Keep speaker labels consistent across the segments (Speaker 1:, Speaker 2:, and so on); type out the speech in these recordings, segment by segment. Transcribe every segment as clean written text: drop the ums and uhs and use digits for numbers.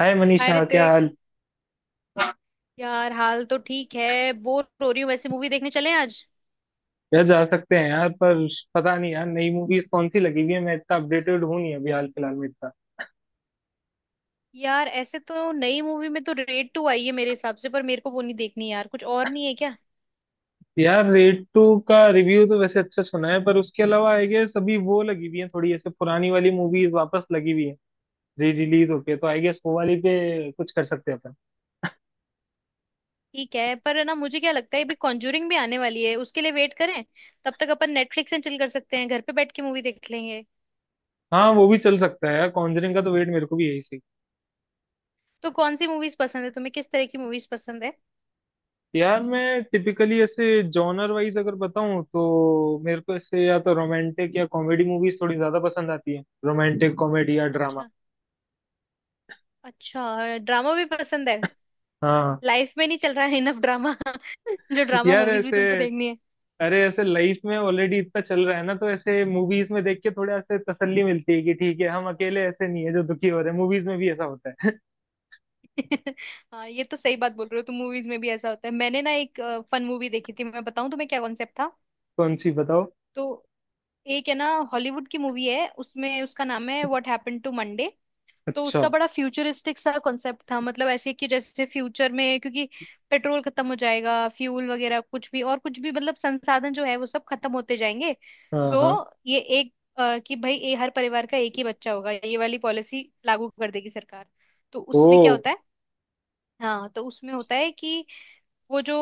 Speaker 1: हाय
Speaker 2: hi
Speaker 1: Manisha क्या
Speaker 2: ऋतिक।
Speaker 1: हाल।
Speaker 2: यार, हाल तो ठीक है। बोर हो रही हूँ वैसे। मूवी देखने चलें आज?
Speaker 1: यार जा सकते हैं यार, पर पता नहीं यार नई मूवीज कौन सी लगी हुई है। मैं इतना अपडेटेड हूँ नहीं अभी हाल फिलहाल में इतना।
Speaker 2: यार ऐसे तो नई मूवी में तो रेड टू आई है मेरे हिसाब से, पर मेरे को वो नहीं देखनी यार। कुछ और नहीं है क्या?
Speaker 1: यार रेड टू का रिव्यू तो वैसे अच्छा सुना है, पर उसके अलावा आई गेस अभी वो लगी हुई है, थोड़ी ऐसे पुरानी वाली मूवीज वापस लगी हुई है री रिलीज होके। तो आई गेस वो वाली पे कुछ कर सकते हैं अपन।
Speaker 2: ठीक है। पर है ना, मुझे क्या लगता है अभी कॉन्जूरिंग भी आने वाली है, उसके लिए वेट करें। तब तक अपन नेटफ्लिक्स एंड चिल कर सकते हैं, घर पे बैठ के मूवी देख लेंगे।
Speaker 1: हाँ, वो भी चल सकता है यार, कॉन्जरिंग का तो वेट मेरे को भी यही सी।
Speaker 2: तो कौन सी मूवीज पसंद है तुम्हें? किस तरह की मूवीज पसंद है?
Speaker 1: यार मैं टिपिकली ऐसे जॉनर वाइज अगर बताऊं, तो मेरे को ऐसे या तो रोमांटिक या कॉमेडी मूवीज थोड़ी ज्यादा पसंद आती है, रोमांटिक कॉमेडी या ड्रामा।
Speaker 2: अच्छा। अच्छा, ड्रामा भी पसंद है?
Speaker 1: हाँ।
Speaker 2: लाइफ में नहीं चल रहा है इनफ ड्रामा। जो ड्रामा
Speaker 1: यार
Speaker 2: मूवीज भी
Speaker 1: ऐसे
Speaker 2: तुमको देखनी है।
Speaker 1: अरे, ऐसे लाइफ में ऑलरेडी इतना चल रहा है ना, तो ऐसे मूवीज में देख के थोड़ा ऐसे तसल्ली मिलती है कि ठीक है, हम अकेले ऐसे नहीं है जो दुखी हो रहे हैं, मूवीज में भी ऐसा होता है।
Speaker 2: हाँ, ये तो सही बात बोल रहे हो तुम। मूवीज में भी ऐसा होता है। मैंने ना एक फन मूवी देखी थी, मैं बताऊं तुम्हें क्या कॉन्सेप्ट था?
Speaker 1: कौन सी बताओ।
Speaker 2: तो एक है ना, हॉलीवुड की मूवी है, उसमें उसका नाम है व्हाट हैपन टू मंडे। तो
Speaker 1: अच्छा।
Speaker 2: उसका बड़ा फ्यूचरिस्टिक सा कॉन्सेप्ट था। मतलब ऐसे कि जैसे फ्यूचर में क्योंकि पेट्रोल खत्म हो जाएगा, फ्यूल वगैरह कुछ भी, और कुछ भी मतलब संसाधन जो है वो सब खत्म होते जाएंगे।
Speaker 1: हाँ,
Speaker 2: तो
Speaker 1: हाँ।
Speaker 2: ये एक कि भाई, ये हर परिवार का एक ही बच्चा होगा, ये वाली पॉलिसी लागू कर देगी सरकार। तो
Speaker 1: ओ।
Speaker 2: उसमें क्या होता है। हाँ तो उसमें होता है कि वो जो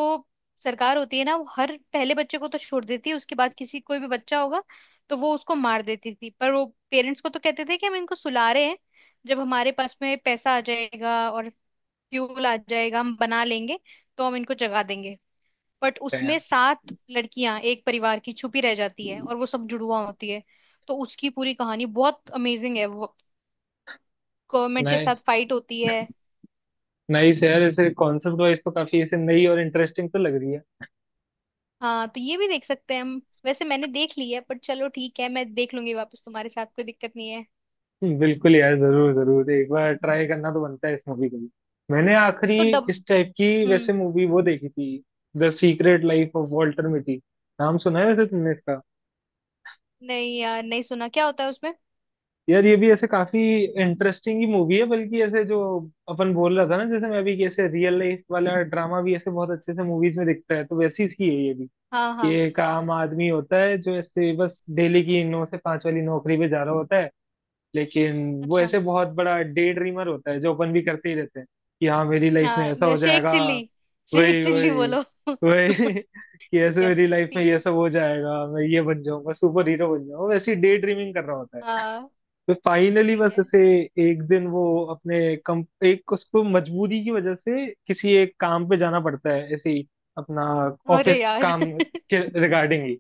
Speaker 2: सरकार होती है ना, वो हर पहले बच्चे को तो छोड़ देती है, उसके बाद किसी कोई भी बच्चा होगा तो वो उसको मार देती थी। पर वो पेरेंट्स को तो कहते थे कि हम इनको सुला रहे हैं, जब हमारे पास में पैसा आ जाएगा और फ्यूल आ जाएगा हम बना लेंगे, तो हम इनको जगा देंगे। बट उसमें सात लड़कियां एक परिवार की छुपी रह जाती है, और वो सब जुड़वा होती है। तो उसकी पूरी कहानी बहुत अमेजिंग है। वो गवर्नमेंट के
Speaker 1: नाइस।
Speaker 2: साथ फाइट होती है।
Speaker 1: नाइस यार, ऐसे कॉन्सेप्ट वाइज तो काफी ऐसे नई और इंटरेस्टिंग तो लग रही है।
Speaker 2: हाँ, तो ये भी देख सकते हैं हम। वैसे मैंने देख ली है, पर चलो ठीक है, मैं देख लूंगी वापस तुम्हारे साथ, कोई दिक्कत नहीं है।
Speaker 1: बिल्कुल यार, जरूर जरूर एक बार ट्राई करना तो बनता है इस मूवी को भी। मैंने आखिरी
Speaker 2: तो डब।
Speaker 1: इस टाइप की वैसे
Speaker 2: हम्म।
Speaker 1: मूवी वो देखी थी, the secret life of Walter Mitty. नाम सुना है वैसे तुमने इसका?
Speaker 2: नहीं यार, नहीं सुना। क्या होता है उसमें?
Speaker 1: यार ये भी ऐसे काफी इंटरेस्टिंग ही मूवी है, बल्कि ऐसे जो अपन बोल रहा था ना जैसे मैं अभी, कि ऐसे रियल लाइफ वाला ड्रामा भी ऐसे बहुत अच्छे से मूवीज में दिखता है, तो वैसी ही है ये भी।
Speaker 2: हाँ हाँ।
Speaker 1: ये एक आम आदमी होता है जो ऐसे बस डेली की 9 से 5 वाली नौकरी पे जा रहा होता है, लेकिन वो
Speaker 2: अच्छा।
Speaker 1: ऐसे बहुत बड़ा डे ड्रीमर होता है, जो अपन भी करते ही रहते हैं कि हाँ मेरी लाइफ में ऐसा
Speaker 2: हाँ,
Speaker 1: हो
Speaker 2: शेख
Speaker 1: जाएगा।
Speaker 2: चिल्ली, शेख
Speaker 1: वही
Speaker 2: चिल्ली
Speaker 1: वही
Speaker 2: बोलो।
Speaker 1: वही।
Speaker 2: ठीक
Speaker 1: कि ऐसे
Speaker 2: है,
Speaker 1: मेरी लाइफ में
Speaker 2: ठीक
Speaker 1: ये
Speaker 2: है।
Speaker 1: सब हो जाएगा, मैं ये बन जाऊंगा, सुपर हीरो बन जाऊंगा, वैसी डे ड्रीमिंग कर रहा होता है।
Speaker 2: हाँ
Speaker 1: तो फाइनली
Speaker 2: ठीक
Speaker 1: बस
Speaker 2: है।
Speaker 1: ऐसे एक दिन वो अपने कम एक उसको मजबूरी की वजह से किसी एक काम पे जाना पड़ता है, ऐसे ही अपना
Speaker 2: अरे
Speaker 1: ऑफिस
Speaker 2: यार
Speaker 1: काम के रिगार्डिंग ही।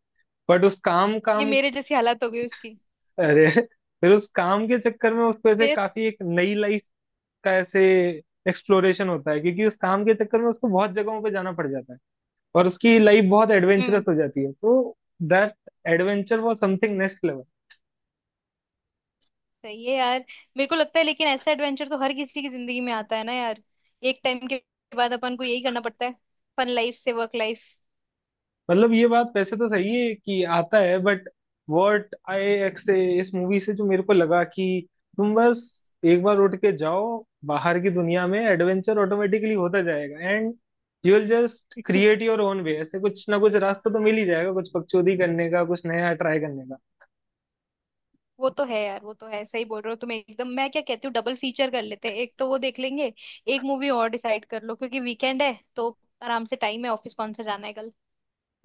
Speaker 1: बट उस काम
Speaker 2: ये
Speaker 1: काम
Speaker 2: मेरे जैसी हालत हो गई उसकी।
Speaker 1: अरे, फिर उस काम के चक्कर में उसको ऐसे
Speaker 2: फिर?
Speaker 1: काफी एक नई लाइफ का ऐसे एक्सप्लोरेशन होता है, क्योंकि उस काम के चक्कर में उसको बहुत जगहों पे जाना पड़ जाता है और उसकी लाइफ बहुत एडवेंचरस
Speaker 2: हम्म।
Speaker 1: हो जाती है। तो that adventure was something next level.
Speaker 2: सही है यार। मेरे को लगता है, लेकिन ऐसा एडवेंचर तो हर किसी की जिंदगी में आता है ना यार। एक टाइम के बाद अपन को यही करना पड़ता है, फन लाइफ से वर्क लाइफ।
Speaker 1: मतलब ये बात वैसे तो सही है कि आता है, बट व्हाट आई एक्स इस मूवी से जो मेरे को लगा कि तुम बस एक बार उठ के जाओ बाहर की दुनिया में, एडवेंचर ऑटोमेटिकली होता जाएगा, and you will just create your own way, ऐसे कुछ ना कुछ रास्ता तो मिल ही जाएगा, कुछ पगचौदी करने का, कुछ नया ट्राई करने का।
Speaker 2: वो तो है यार, वो तो है, सही बोल रहे हो तुम एकदम। मैं क्या कहती हूँ, डबल फीचर कर लेते हैं। एक तो वो देख लेंगे, एक मूवी और डिसाइड कर लो, क्योंकि वीकेंड है तो आराम से टाइम है, ऑफिस कौन सा जाना है कल।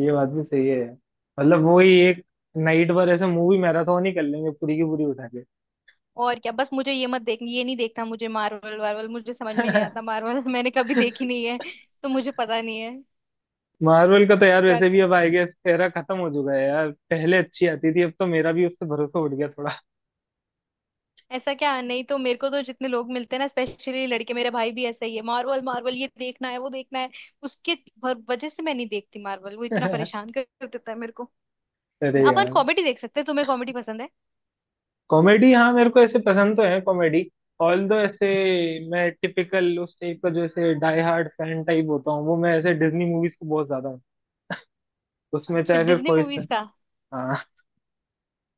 Speaker 1: ये बात भी सही है यार। मतलब वही एक नाइट भर ऐसे मूवी मैराथन ही कर लेंगे, पूरी की पूरी उठा
Speaker 2: और क्या। बस मुझे ये मत देख, ये नहीं देखना मुझे, मार्वल वार्वल मुझे समझ में नहीं
Speaker 1: के।
Speaker 2: आता मार्वल। मैंने कभी देखी नहीं है, तो मुझे पता नहीं है।
Speaker 1: मार्वल का तो यार
Speaker 2: क्या
Speaker 1: वैसे भी
Speaker 2: कर...
Speaker 1: अब आई गेस एरा खत्म हो चुका है यार, पहले अच्छी आती थी, अब तो मेरा भी उससे भरोसा उठ गया थोड़ा।
Speaker 2: ऐसा क्या! नहीं तो मेरे को तो जितने लोग मिलते हैं ना, स्पेशली लड़के, मेरे भाई भी ऐसा ही है, मार्वल मार्वल, ये देखना है वो देखना है। उसके वजह से मैं नहीं देखती मार्वल, वो इतना परेशान कर कर देता है मेरे को।
Speaker 1: अरे
Speaker 2: अपन
Speaker 1: यार।
Speaker 2: कॉमेडी देख सकते हैं, तुम्हें कॉमेडी पसंद है?
Speaker 1: कॉमेडी, हाँ, मेरे को ऐसे पसंद तो है कॉमेडी, ऑल दो ऐसे मैं टिपिकल उस टाइप का जो ऐसे डाई हार्ड फैन टाइप होता हूँ, वो मैं ऐसे डिज्नी मूवीज को बहुत ज्यादा हूँ। उसमें
Speaker 2: अच्छा,
Speaker 1: चाहे फिर
Speaker 2: डिज्नी
Speaker 1: कोई से।
Speaker 2: मूवीज का।
Speaker 1: हाँ।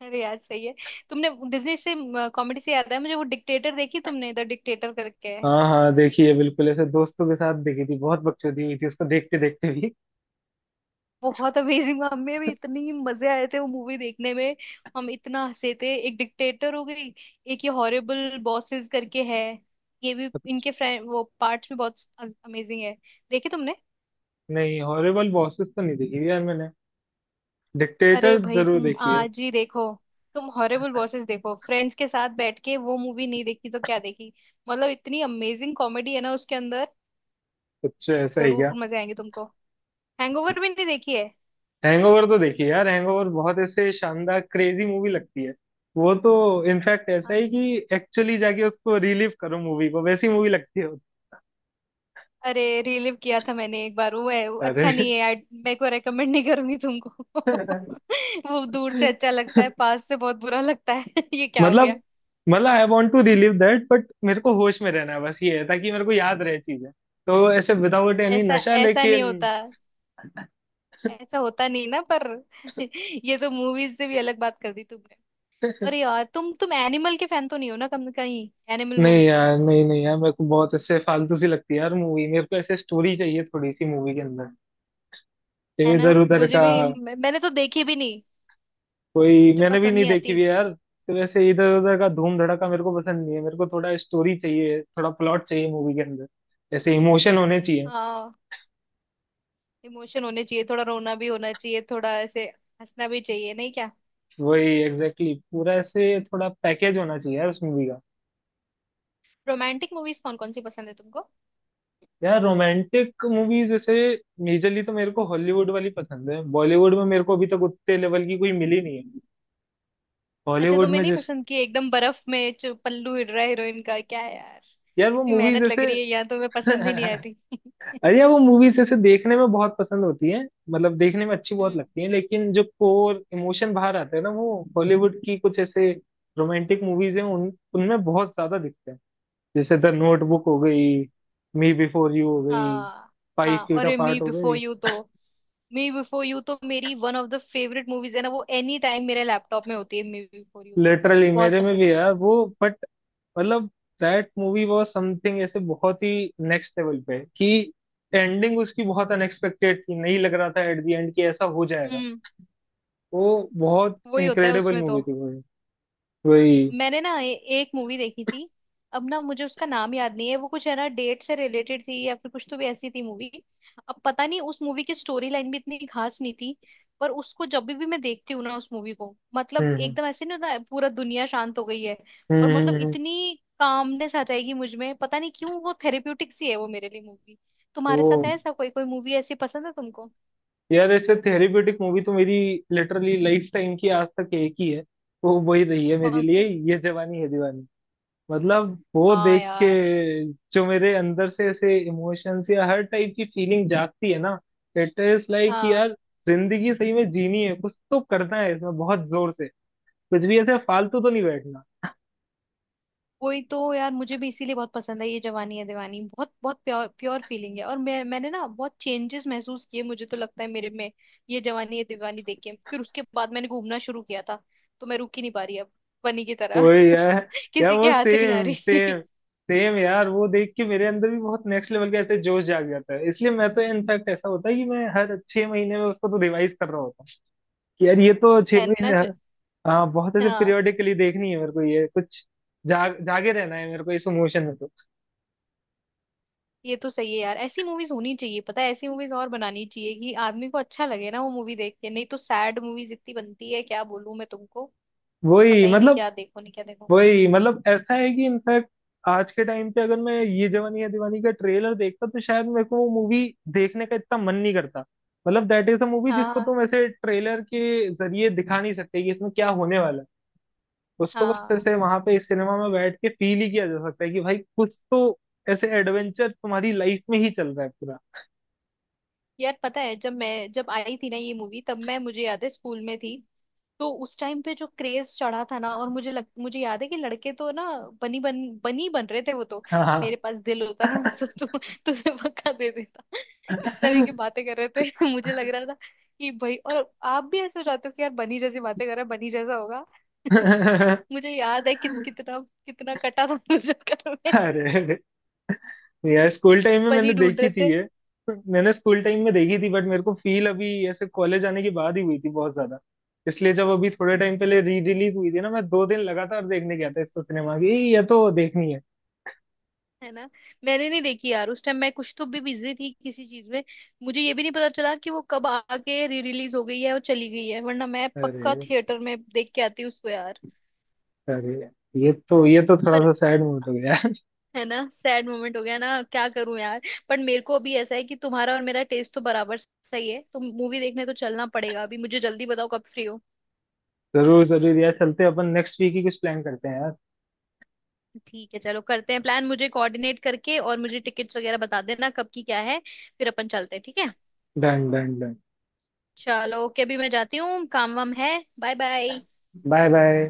Speaker 2: अरे यार सही है। तुमने डिज्नी से, कॉमेडी से याद है मुझे, वो डिक्टेटर देखी तुमने, द डिक्टेटर करके है।
Speaker 1: हाँ, हाँ, देखिए, बिल्कुल ऐसे दोस्तों के साथ देखी थी, बहुत बकचोदी हुई थी उसको देखते देखते भी।
Speaker 2: बहुत अमेजिंग, हमें भी इतनी मजे आए थे वो मूवी देखने में। हम इतना हंसे थे। एक डिक्टेटर हो गई, एक ये हॉरिबल बॉसेस करके है, ये भी इनके फ्रेंड, वो पार्ट्स भी बहुत अमेजिंग है। देखी तुमने?
Speaker 1: नहीं, हॉरिबल बॉसेस तो नहीं देखी यार मैंने,
Speaker 2: अरे
Speaker 1: डिक्टेटर
Speaker 2: भाई
Speaker 1: जरूर
Speaker 2: तुम
Speaker 1: देखी है।
Speaker 2: आज ही देखो, तुम हॉरिबल बॉसेस देखो फ्रेंड्स के साथ बैठ के, वो मूवी नहीं देखी तो क्या देखी। मतलब इतनी अमेजिंग कॉमेडी है ना उसके अंदर।
Speaker 1: कुछ ऐसा ही।
Speaker 2: जरूर मजे आएंगे तुमको। हैंगओवर भी नहीं देखी है?
Speaker 1: हैंगओवर तो देखिए यार, हैंगओवर बहुत ऐसे शानदार क्रेजी मूवी लगती है। वो तो इनफैक्ट ऐसा
Speaker 2: हाँ।
Speaker 1: ही कि एक्चुअली जाके उसको रिलीव करो, मूवी को वैसी मूवी लगती है।
Speaker 2: अरे, रिलीव किया था मैंने एक बार, वो है, वो
Speaker 1: अरे।
Speaker 2: अच्छा नहीं है। मैं को रेकमेंड नहीं करूंगी तुमको। वो दूर से अच्छा लगता है, पास से बहुत बुरा लगता है। ये क्या हो गया।
Speaker 1: मतलब मतलब I want to relive that, but मेरे को होश में रहना है बस, ये है ताकि मेरे को याद रहे चीजें। तो ऐसे विदाउट एनी
Speaker 2: ऐसा
Speaker 1: नशा
Speaker 2: ऐसा नहीं
Speaker 1: लेकिन।
Speaker 2: होता, ऐसा होता नहीं ना। पर ये तो मूवीज से भी अलग बात कर दी तुमने। अरे यार तुम एनिमल के फैन तो नहीं हो ना कम कहीं, एनिमल
Speaker 1: नहीं
Speaker 2: मूवी के?
Speaker 1: यार, नहीं, नहीं यार, मेरे को बहुत ऐसे फालतू सी लगती है यार मूवी, मेरे को ऐसे स्टोरी चाहिए थोड़ी सी मूवी के अंदर।
Speaker 2: है ना,
Speaker 1: इधर उधर
Speaker 2: मुझे
Speaker 1: का
Speaker 2: भी मैंने तो देखी भी नहीं,
Speaker 1: कोई
Speaker 2: मुझे
Speaker 1: मैंने भी
Speaker 2: पसंद
Speaker 1: नहीं
Speaker 2: नहीं
Speaker 1: देखी हुई
Speaker 2: आती।
Speaker 1: है यार, सिर्फ ऐसे इधर उधर का धूम धड़ाका मेरे को पसंद नहीं है। मेरे को थोड़ा स्टोरी चाहिए, थोड़ा प्लॉट चाहिए मूवी के अंदर, ऐसे इमोशन होने चाहिए।
Speaker 2: हाँ, इमोशन होने चाहिए, थोड़ा रोना भी होना चाहिए, थोड़ा ऐसे हंसना भी चाहिए, नहीं क्या?
Speaker 1: वही, एग्जैक्टली exactly. पूरा ऐसे थोड़ा पैकेज होना चाहिए यार उस मूवी का।
Speaker 2: रोमांटिक मूवीज कौन कौन सी पसंद है तुमको?
Speaker 1: यार रोमांटिक मूवीज जैसे मेजरली तो मेरे को हॉलीवुड वाली पसंद है, बॉलीवुड में मेरे को अभी तक उतने लेवल की कोई मिली नहीं है।
Speaker 2: अच्छा,
Speaker 1: हॉलीवुड
Speaker 2: तुम्हें
Speaker 1: में
Speaker 2: नहीं
Speaker 1: जैसे
Speaker 2: पसंद कि एकदम बर्फ में जो पल्लू हिल रहा है हीरोइन का, क्या है यार!
Speaker 1: यार वो
Speaker 2: इतनी
Speaker 1: मूवीज
Speaker 2: मेहनत लग
Speaker 1: जैसे
Speaker 2: रही है यार, तुम्हें पसंद ही नहीं आ
Speaker 1: अरे
Speaker 2: रही।
Speaker 1: यार, वो मूवीज ऐसे देखने में बहुत पसंद होती है, मतलब देखने में अच्छी बहुत
Speaker 2: हम्म।
Speaker 1: लगती है, लेकिन जो कोर इमोशन बाहर आते हैं ना, वो हॉलीवुड की कुछ ऐसे रोमांटिक मूवीज हैं उन उनमें बहुत ज्यादा दिखते हैं। जैसे द नोटबुक हो गई, मी बिफोर यू हो गई,
Speaker 2: हाँ।
Speaker 1: फाइव
Speaker 2: हाँ,
Speaker 1: फीट
Speaker 2: और मी
Speaker 1: अपार्ट हो
Speaker 2: बिफोर
Speaker 1: गई।
Speaker 2: यू तो, मी बिफोर यू तो मेरी one of the favourite movies है ना, वो एनी टाइम मेरे लैपटॉप में होती है मी बिफोर यू तो।
Speaker 1: लिटरली
Speaker 2: बहुत
Speaker 1: मेरे में
Speaker 2: पसंद है
Speaker 1: भी
Speaker 2: मुझे
Speaker 1: यार
Speaker 2: वो।
Speaker 1: वो, बट मतलब दैट मूवी वाज समथिंग ऐसे बहुत ही नेक्स्ट लेवल पे कि एंडिंग उसकी बहुत अनएक्सपेक्टेड थी, नहीं लग रहा था एट द एंड कि ऐसा हो जाएगा।
Speaker 2: हम्म।
Speaker 1: वो बहुत
Speaker 2: वही होता है
Speaker 1: इनक्रेडिबल
Speaker 2: उसमें तो।
Speaker 1: मूवी थी भाई। वही।
Speaker 2: मैंने ना एक मूवी देखी थी। अब ना मुझे उसका नाम याद नहीं है, वो कुछ है ना डेट से रिलेटेड थी या फिर कुछ तो भी ऐसी थी मूवी। अब पता नहीं, उस मूवी की स्टोरी लाइन भी इतनी खास नहीं थी। पर उसको जब भी मैं देखती हूँ ना उस मूवी को, मतलब
Speaker 1: हम्म, हम्म।
Speaker 2: एकदम ऐसे नहीं होता है, पूरा दुनिया शांत हो गई है। और मतलब
Speaker 1: हम्म।
Speaker 2: इतनी कामनेस आ जाएगी मुझ में, पता नहीं क्यों, वो थेरेप्यूटिक सी है वो मेरे लिए मूवी। तुम्हारे
Speaker 1: वो,
Speaker 2: साथ है ऐसा? कोई कोई मूवी ऐसी पसंद है तुमको?
Speaker 1: यार ऐसे थेरेप्यूटिक मूवी तो मेरी लिटरली लाइफ टाइम की आज तक एक ही है, वो वही रही है मेरे
Speaker 2: कौन
Speaker 1: लिए।
Speaker 2: सी?
Speaker 1: ये जवानी है दीवानी। मतलब वो
Speaker 2: हाँ
Speaker 1: देख के
Speaker 2: यार।
Speaker 1: जो मेरे अंदर से ऐसे इमोशंस या हर टाइप की फीलिंग जागती है ना, इट इज लाइक
Speaker 2: हाँ।
Speaker 1: यार, जिंदगी सही में जीनी है, कुछ तो करना है इसमें बहुत जोर से, कुछ भी ऐसे फालतू तो नहीं बैठना।
Speaker 2: वही तो यार, मुझे भी इसीलिए बहुत पसंद है ये जवानी है दीवानी। बहुत बहुत प्योर प्योर फीलिंग है। और मैंने ना बहुत चेंजेस महसूस किए, मुझे तो लगता है मेरे में, ये जवानी है दीवानी देख के। फिर उसके बाद मैंने घूमना शुरू किया था, तो मैं रुक ही नहीं पा रही अब, बनी की तरह।
Speaker 1: वही यार। यार
Speaker 2: किसी के
Speaker 1: वो
Speaker 2: हाथ नहीं आ
Speaker 1: सेम,
Speaker 2: रही।
Speaker 1: सेम, सेम यार, वो देख के मेरे अंदर भी बहुत नेक्स्ट लेवल का ऐसे जोश जाग जाता है, इसलिए मैं तो इनफैक्ट ऐसा होता है कि मैं हर 6 महीने में उसको तो रिवाइज कर रहा होता हूँ। कि यार ये तो छह
Speaker 2: है ना
Speaker 1: महीने हाँ, बहुत ऐसे
Speaker 2: हाँ,
Speaker 1: पीरियोडिकली देखनी है मेरे को ये, कुछ जाग जागे रहना है मेरे को इस इमोशन में तो।
Speaker 2: ये तो सही है यार। ऐसी मूवीज होनी चाहिए। पता है, ऐसी मूवीज और बनानी चाहिए कि आदमी को अच्छा लगे ना वो मूवी देख के। नहीं तो सैड मूवीज इतनी बनती है, क्या बोलूं मैं तुमको।
Speaker 1: वही
Speaker 2: पता ही नहीं
Speaker 1: मतलब
Speaker 2: क्या देखो नहीं क्या देखो।
Speaker 1: वही, मतलब ऐसा है कि इनफैक्ट आज के टाइम पे अगर मैं ये जवानी है दीवानी का ट्रेलर देखता, तो शायद मेरे को वो मूवी देखने का इतना मन नहीं करता। मतलब दैट इज अ मूवी जिसको
Speaker 2: हाँ
Speaker 1: तुम ऐसे ट्रेलर के जरिए दिखा नहीं सकते कि इसमें क्या होने वाला है। उसको बस
Speaker 2: हाँ।
Speaker 1: ऐसे वहां पे इस सिनेमा में बैठ के फील ही किया जा सकता है कि भाई कुछ तो ऐसे एडवेंचर तुम्हारी लाइफ में ही चल रहा है।
Speaker 2: यार पता है, जब मैं जब आई थी ना ये मूवी, तब मैं, मुझे याद है स्कूल में थी। तो उस टाइम पे जो क्रेज चढ़ा था ना, और मुझे याद है कि लड़के तो ना बनी बन बनी बन रहे थे वो तो।
Speaker 1: पूरा, हाँ।
Speaker 2: मेरे पास दिल होता ना तो तुझे पक्का दे देता, इस तरह की बातें कर रहे थे। मुझे लग रहा था कि भाई, और आप भी ऐसे हो जाते हो कि यार, बनी जैसी बातें कर रहा है, बनी जैसा होगा। मुझे याद है कि कितना कितना कटा था मुझे घर में,
Speaker 1: अरे, अरे। यार स्कूल टाइम में मैंने
Speaker 2: बनी ढूंढ
Speaker 1: देखी थी
Speaker 2: रहे।
Speaker 1: ये, मैंने स्कूल टाइम में देखी थी, बट मेरे को फील अभी ऐसे कॉलेज आने के बाद ही हुई थी बहुत ज्यादा। इसलिए जब अभी थोड़े टाइम पहले री रिलीज हुई थी ना, मैं 2 दिन लगातार देखने गया था इसको सिनेमा की, ये तो देखनी है।
Speaker 2: है ना, मैंने नहीं देखी यार उस टाइम, मैं कुछ तो भी बिजी थी किसी चीज में। मुझे ये भी नहीं पता चला कि वो कब आके री रिलीज हो गई है और चली गई है, वरना मैं पक्का
Speaker 1: अरे,
Speaker 2: थिएटर में देख के आती उसको यार।
Speaker 1: अरे। ये तो थोड़ा सा
Speaker 2: पर
Speaker 1: सैड मूड हो गया।
Speaker 2: है ना, सैड मोमेंट हो गया ना, क्या करूं यार। पर मेरे को अभी ऐसा है कि तुम्हारा और मेरा टेस्ट तो बराबर सही है, तो मूवी देखने तो चलना पड़ेगा। अभी मुझे जल्दी बताओ कब फ्री हो।
Speaker 1: जरूर जरूर यार, चलते हैं अपन नेक्स्ट वीक ही कुछ प्लान करते हैं यार।
Speaker 2: ठीक है, चलो करते हैं प्लान। मुझे कोऑर्डिनेट करके और मुझे टिकट्स वगैरह बता देना कब की क्या है, फिर अपन चलते हैं, ठीक है?
Speaker 1: Done done done.
Speaker 2: चलो ओके, अभी मैं जाती हूँ, काम वाम है। Bye bye.
Speaker 1: Bye bye.